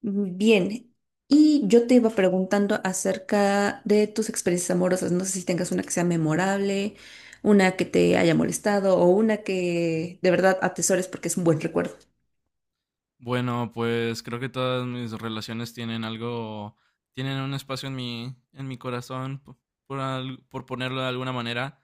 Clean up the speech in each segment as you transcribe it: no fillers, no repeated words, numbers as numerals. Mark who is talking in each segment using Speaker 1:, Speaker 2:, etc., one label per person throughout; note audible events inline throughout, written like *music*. Speaker 1: Bien, y yo te iba preguntando acerca de tus experiencias amorosas. No sé si tengas una que sea memorable, una que te haya molestado o una que de verdad atesores porque es un buen recuerdo.
Speaker 2: Bueno, pues creo que todas mis relaciones tienen algo, tienen un espacio en mi corazón, por ponerlo de alguna manera,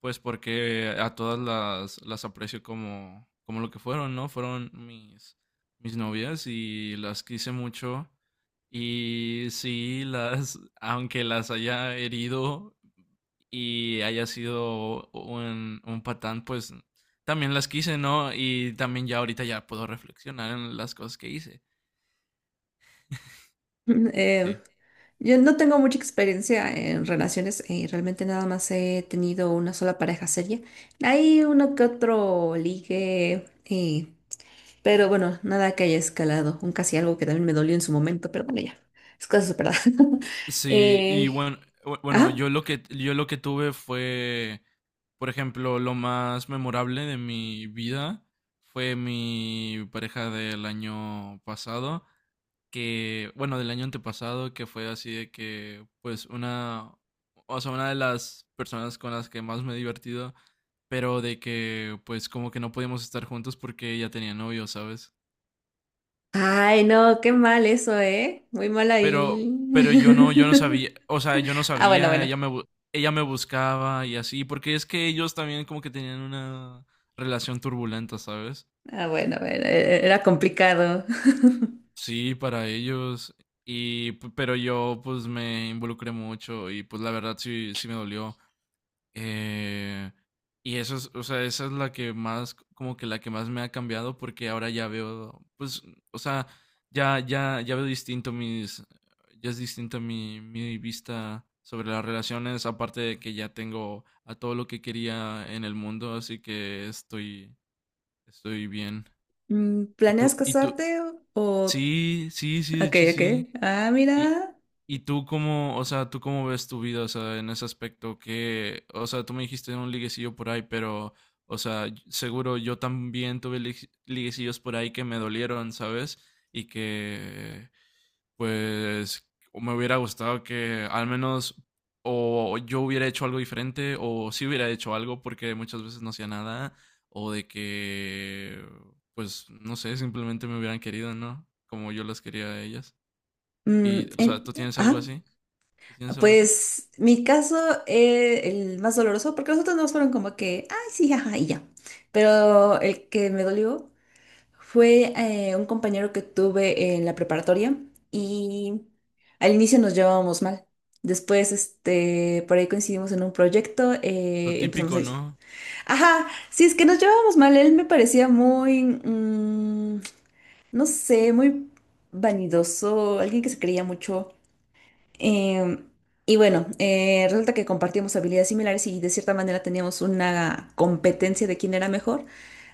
Speaker 2: pues porque a todas las aprecio como, como lo que fueron, ¿no? Fueron mis novias y las quise mucho. Y sí, las, aunque las haya herido y haya sido un patán, pues también las quise, ¿no? Y también ya ahorita ya puedo reflexionar en las cosas que hice.
Speaker 1: *laughs* Eh,
Speaker 2: Sí.
Speaker 1: yo no tengo mucha experiencia en relaciones, realmente nada más he tenido una sola pareja seria. Hay uno que otro ligue, pero bueno, nada que haya escalado, un casi algo que también me dolió en su momento, pero bueno, ya, es cosa superada. *laughs*
Speaker 2: Sí, y
Speaker 1: eh,
Speaker 2: bueno, bueno,
Speaker 1: ajá.
Speaker 2: yo lo que tuve fue, por ejemplo, lo más memorable de mi vida fue mi pareja del año pasado. Que, bueno, del año antepasado, que fue así de que, pues, una, o sea, una de las personas con las que más me he divertido, pero de que, pues, como que no podíamos estar juntos porque ella tenía novio, ¿sabes?
Speaker 1: Ay, no, qué mal eso, ¿eh? Muy mal
Speaker 2: Pero,
Speaker 1: ahí.
Speaker 2: pero yo no
Speaker 1: *laughs*
Speaker 2: sabía, o sea, yo no
Speaker 1: Ah, bueno,
Speaker 2: sabía,
Speaker 1: bueno.
Speaker 2: ella me buscaba y así, porque es que ellos también como que tenían una relación turbulenta, ¿sabes?
Speaker 1: Ah, bueno, bueno, era complicado. *laughs*
Speaker 2: Sí, para ellos. Y, pero yo pues me involucré mucho y pues la verdad sí, sí me dolió. Eh, y eso es, o sea, esa es la que más, como que la que más me ha cambiado porque ahora ya veo, pues, o sea, ya veo distinto mis, ya es distinta mi vista sobre las relaciones, aparte de que ya tengo a todo lo que quería en el mundo, así que estoy, estoy bien. ¿Y
Speaker 1: ¿Planeas
Speaker 2: tú?
Speaker 1: casarte o...?
Speaker 2: Sí, sí, sí, de
Speaker 1: Ok,
Speaker 2: hecho
Speaker 1: ok.
Speaker 2: sí.
Speaker 1: Ah,
Speaker 2: ¿Y,
Speaker 1: mira.
Speaker 2: y tú cómo, o sea, tú cómo ves tu vida, o sea, en ese aspecto que, o sea, tú me dijiste un liguecillo por ahí, pero, o sea, seguro yo también tuve liguecillos por ahí que me dolieron, ¿sabes? Y que, pues, me hubiera gustado que al menos o yo hubiera hecho algo diferente o sí hubiera hecho algo porque muchas veces no hacía nada o de que, pues, no sé, simplemente me hubieran querido, ¿no? Como yo las quería a ellas. Y,
Speaker 1: Mm,
Speaker 2: o sea,
Speaker 1: en-
Speaker 2: ¿tú tienes algo
Speaker 1: Ah,
Speaker 2: así? ¿Tú tienes algo así?
Speaker 1: pues mi caso, es el más doloroso, porque los otros no fueron como que, ay, sí, ajá, y ya. Pero el que me dolió fue un compañero que tuve en la preparatoria y al inicio nos llevábamos mal. Después, este, por ahí coincidimos en un proyecto,
Speaker 2: Lo
Speaker 1: empezamos a...
Speaker 2: típico, ¿no?
Speaker 1: Ajá, sí, es que nos llevábamos mal. Él me parecía muy, no sé, muy vanidoso, alguien que se creía mucho. Em, y bueno, resulta que compartíamos habilidades similares y de cierta manera teníamos una competencia de quién era mejor,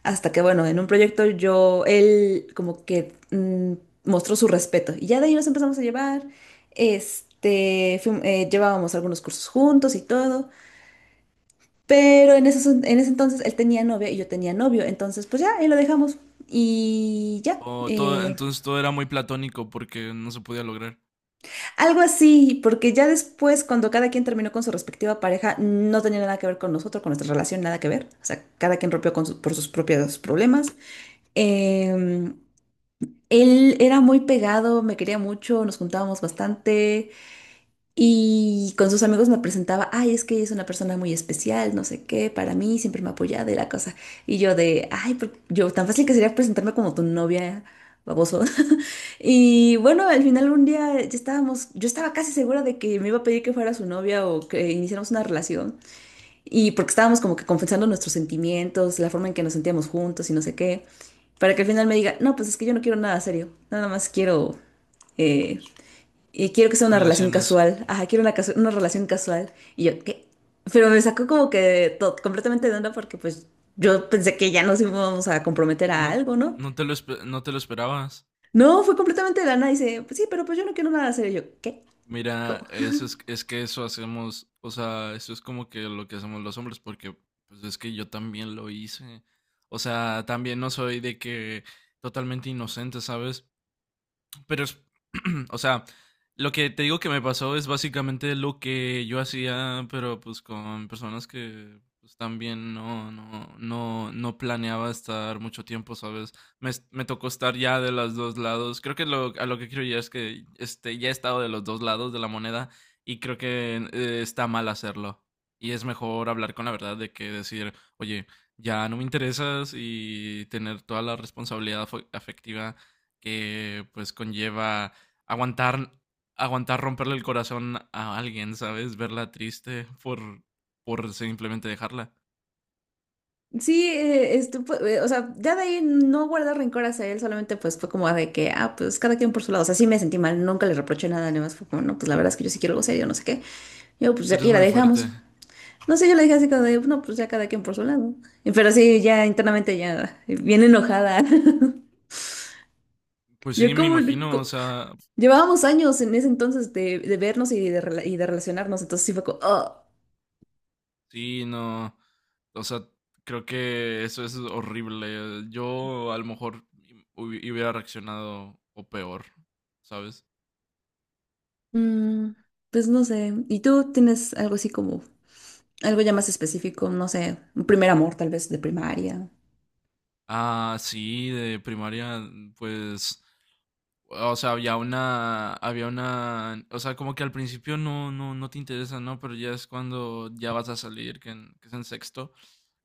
Speaker 1: hasta que bueno, en un proyecto yo, él como que mostró su respeto y ya de ahí nos empezamos a llevar, este, llevábamos algunos cursos juntos y todo, pero en ese entonces él tenía novia y yo tenía novio, entonces pues ya, ahí lo dejamos y ya.
Speaker 2: O todo, entonces todo era muy platónico porque no se podía lograr
Speaker 1: Algo así, porque ya después, cuando cada quien terminó con su respectiva pareja, no tenía nada que ver con nosotros, con nuestra relación, nada que ver. O sea, cada quien rompió con por sus propios problemas. Eh, él era muy pegado, me quería mucho, nos juntábamos bastante y con sus amigos me presentaba, ay, es que ella es una persona muy especial, no sé qué, para mí siempre me apoyaba apoyado y la cosa. Y yo de, ay, yo tan fácil que sería presentarme como tu novia, baboso. Y bueno, al final un día ya estábamos, yo estaba casi segura de que me iba a pedir que fuera su novia o que iniciáramos una relación. Y porque estábamos como que confesando nuestros sentimientos, la forma en que nos sentíamos juntos y no sé qué. Para que al final me diga, no, pues es que yo no quiero nada serio. Nada más quiero, eh, quiero que sea una relación
Speaker 2: relaciones.
Speaker 1: casual. Ajá, quiero una, una relación casual. Y yo, ¿qué? Pero me sacó como que completamente de onda porque pues yo pensé que ya nos íbamos a comprometer a
Speaker 2: No,
Speaker 1: algo, ¿no?
Speaker 2: no te lo esperabas.
Speaker 1: No, fue completamente de la nada. Dice, pues sí, pero pues yo no quiero nada hacer. Y yo, ¿qué?
Speaker 2: Mira,
Speaker 1: ¿Cómo?
Speaker 2: eso es que eso hacemos, o sea, eso es como que lo que hacemos los hombres, porque pues es que yo también lo hice. O sea, también no soy de que totalmente inocente, ¿sabes? Pero es, *clears throat* o sea, lo que te digo que me pasó es básicamente lo que yo hacía, pero pues con personas que pues, también no planeaba estar mucho tiempo, ¿sabes? Me, me tocó estar ya de los dos lados. Creo que lo, a lo que quiero llegar es que este, ya he estado de los dos lados de la moneda y creo que está mal hacerlo. Y es mejor hablar con la verdad de que decir, oye, ya no me interesas y tener toda la responsabilidad afectiva que pues conlleva aguantar, aguantar romperle el corazón a alguien, ¿sabes? Verla triste por simplemente dejarla.
Speaker 1: Sí, este, o sea, ya de ahí no guardar rencor hacia él, solamente pues fue como de que, ah, pues cada quien por su lado. O sea, sí me sentí mal, nunca le reproché nada, nada más fue como, no, pues la verdad es que yo sí quiero algo serio, no sé qué. Yo, pues
Speaker 2: Eres
Speaker 1: aquí la
Speaker 2: muy
Speaker 1: dejamos.
Speaker 2: fuerte.
Speaker 1: No sé, yo la dejé así como de, no, pues ya cada quien por su lado. Pero sí, ya internamente ya, bien enojada. *laughs*
Speaker 2: Pues
Speaker 1: Yo
Speaker 2: sí, me
Speaker 1: como,
Speaker 2: imagino, o
Speaker 1: co-
Speaker 2: sea,
Speaker 1: llevábamos años en ese entonces de vernos y de relacionarnos, entonces sí fue como, "Oh".
Speaker 2: sí, no, o sea, creo que eso es horrible. Yo a lo mejor hubiera reaccionado o peor, ¿sabes?
Speaker 1: Mm, pues no sé. ¿Y tú tienes algo así como, algo ya más específico? No sé, un primer amor tal vez de primaria.
Speaker 2: Ah, sí, de primaria, pues o sea, había una, o sea, como que al principio no, no te interesa, ¿no? Pero ya es cuando ya vas a salir, que, que es en sexto,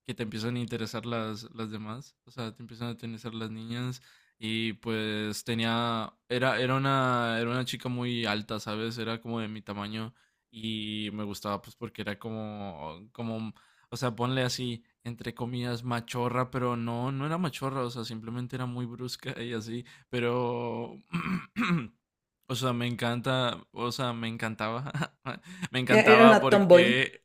Speaker 2: que te empiezan a interesar las demás, o sea, te empiezan a interesar las niñas y pues tenía, era, era una chica muy alta, ¿sabes? Era como de mi tamaño y me gustaba pues porque era como, como, o sea, ponle así, entre comillas, machorra, pero no, no era machorra, o sea, simplemente era muy brusca y así. Pero, *clears throat* o sea, me encanta, o sea, me encantaba, *laughs* me
Speaker 1: Era
Speaker 2: encantaba
Speaker 1: una tomboy.
Speaker 2: porque,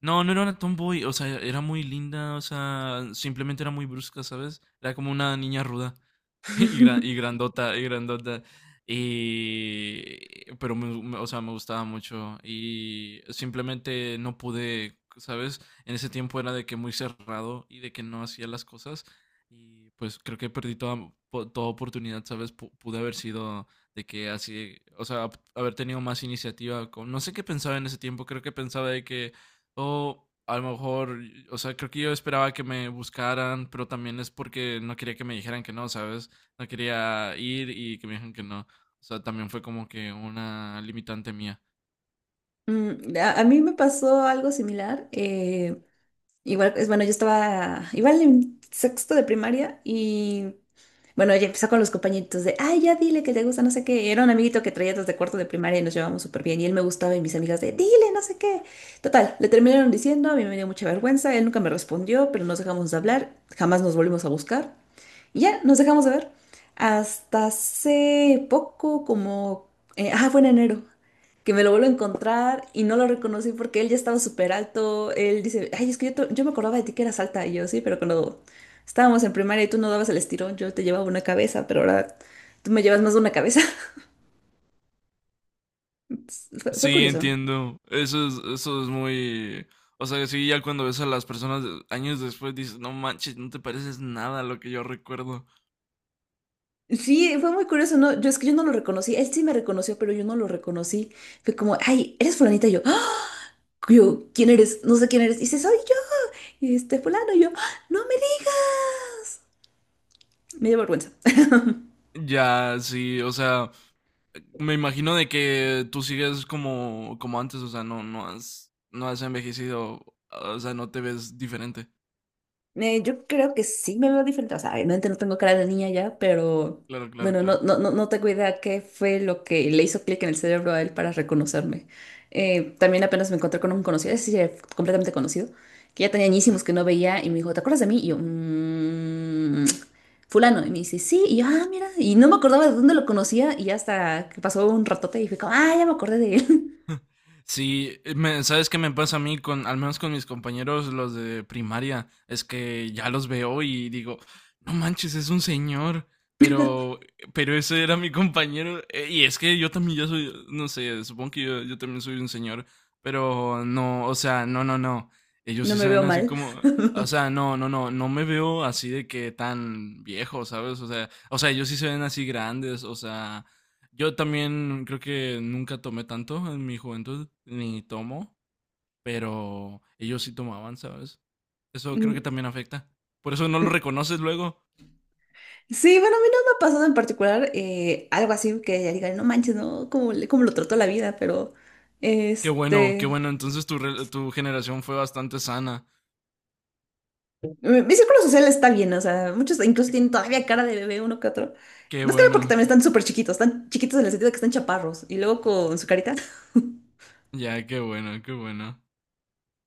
Speaker 2: no, no era una tomboy, o sea, era muy linda, o sea, simplemente era muy brusca, ¿sabes? Era como una niña ruda. *laughs* Y,
Speaker 1: *laughs*
Speaker 2: grandota, y grandota. Y, pero me, o sea, me gustaba mucho y simplemente no pude, ¿sabes? En ese tiempo era de que muy cerrado y de que no hacía las cosas y pues creo que perdí toda, toda oportunidad, ¿sabes? Pude haber sido de que así, o sea, haber tenido más iniciativa. No sé qué pensaba en ese tiempo, creo que pensaba de que, oh, a lo mejor, o sea, creo que yo esperaba que me buscaran, pero también es porque no quería que me dijeran que no, ¿sabes? No quería ir y que me dijeron que no. O sea, también fue como que una limitante mía.
Speaker 1: Mm, a mí me pasó algo similar. Igual, es bueno, yo estaba igual en sexto de primaria y bueno, ella empezó con los compañeritos de, ay, ya dile que te gusta, no sé qué. Era un amiguito que traía desde cuarto de primaria y nos llevábamos súper bien. Y él me gustaba y mis amigas de, dile, no sé qué. Total, le terminaron diciendo, a mí me dio mucha vergüenza, él nunca me respondió, pero nos dejamos de hablar, jamás nos volvimos a buscar. Y ya, nos dejamos de ver. Hasta hace poco, como, fue en enero, que me lo vuelvo a encontrar y no lo reconocí porque él ya estaba súper alto. Él dice, ay, es que yo, yo me acordaba de ti que eras alta. Y yo, sí, pero cuando estábamos en primaria y tú no dabas el estirón, yo te llevaba una cabeza, pero ahora tú me llevas más de una cabeza. *laughs* Fue
Speaker 2: Sí,
Speaker 1: curioso.
Speaker 2: entiendo. Eso es muy... O sea, sí, ya cuando ves a las personas años después dices, no manches, no te pareces nada a lo que yo recuerdo.
Speaker 1: Sí, fue muy curioso, ¿no? Yo es que yo no lo reconocí. Él sí me reconoció, pero yo no lo reconocí. Fue como, ay, eres fulanita. Y yo, "Ah", yo, ¿quién eres? No sé quién eres. Y dice, soy yo. Y este fulano. Y yo, "Ah, no me digas. Me dio vergüenza.
Speaker 2: Ya, sí, o sea, me imagino de que tú sigues como, como antes, o sea, no, no has, no has envejecido, o sea, no te ves diferente.
Speaker 1: Yo creo que sí me veo diferente. O sea, obviamente no tengo cara de niña ya, pero
Speaker 2: Claro, claro,
Speaker 1: bueno,
Speaker 2: claro.
Speaker 1: no tengo idea qué fue lo que le hizo clic en el cerebro a él para reconocerme. También apenas me encontré con un conocido, ese sí era completamente conocido, que ya tenía añísimos que no veía y me dijo, ¿te acuerdas de mí? Y yo, "Mm, fulano. Y me dice, sí. Y yo, ah, mira. Y no me acordaba de dónde lo conocía y hasta que pasó un ratote y fui como, ah, ya me acordé de él. *laughs*
Speaker 2: Sí, ¿sabes qué me pasa a mí con, al menos con mis compañeros, los de primaria? Es que ya los veo y digo, no manches, es un señor, pero, pero ese era mi compañero. Y es que yo también ya soy, no sé, supongo que yo también soy un señor, pero no, o sea, no. Ellos
Speaker 1: No
Speaker 2: sí
Speaker 1: me
Speaker 2: se
Speaker 1: veo
Speaker 2: ven así
Speaker 1: mal. *laughs*
Speaker 2: como, o sea, no me veo así de que tan viejo, ¿sabes? O sea, ellos sí se ven así grandes, o sea. Yo también creo que nunca tomé tanto en mi juventud, ni tomo, pero ellos sí tomaban, ¿sabes? Eso creo que
Speaker 1: Mm,
Speaker 2: también afecta. Por eso no lo
Speaker 1: mm.
Speaker 2: reconoces luego.
Speaker 1: Sí, bueno, a mí no me ha pasado en particular algo así que ya digan, no manches, ¿no? ¿Cómo, cómo lo trató la vida? Pero,
Speaker 2: Qué bueno, qué
Speaker 1: este,
Speaker 2: bueno. Entonces tu generación fue bastante sana.
Speaker 1: mi círculo social está bien, o sea, muchos incluso tienen todavía cara de bebé uno que otro.
Speaker 2: Qué
Speaker 1: Más que nada porque
Speaker 2: bueno,
Speaker 1: también
Speaker 2: qué-
Speaker 1: están súper chiquitos, están chiquitos en el sentido de que están chaparros y luego con su carita. *laughs*
Speaker 2: ya, qué bueno, qué bueno.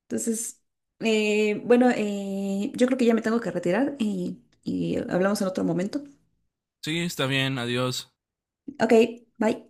Speaker 1: Entonces, bueno, yo creo que ya me tengo que retirar y hablamos en otro momento.
Speaker 2: Sí, está bien, adiós.
Speaker 1: Ok, bye.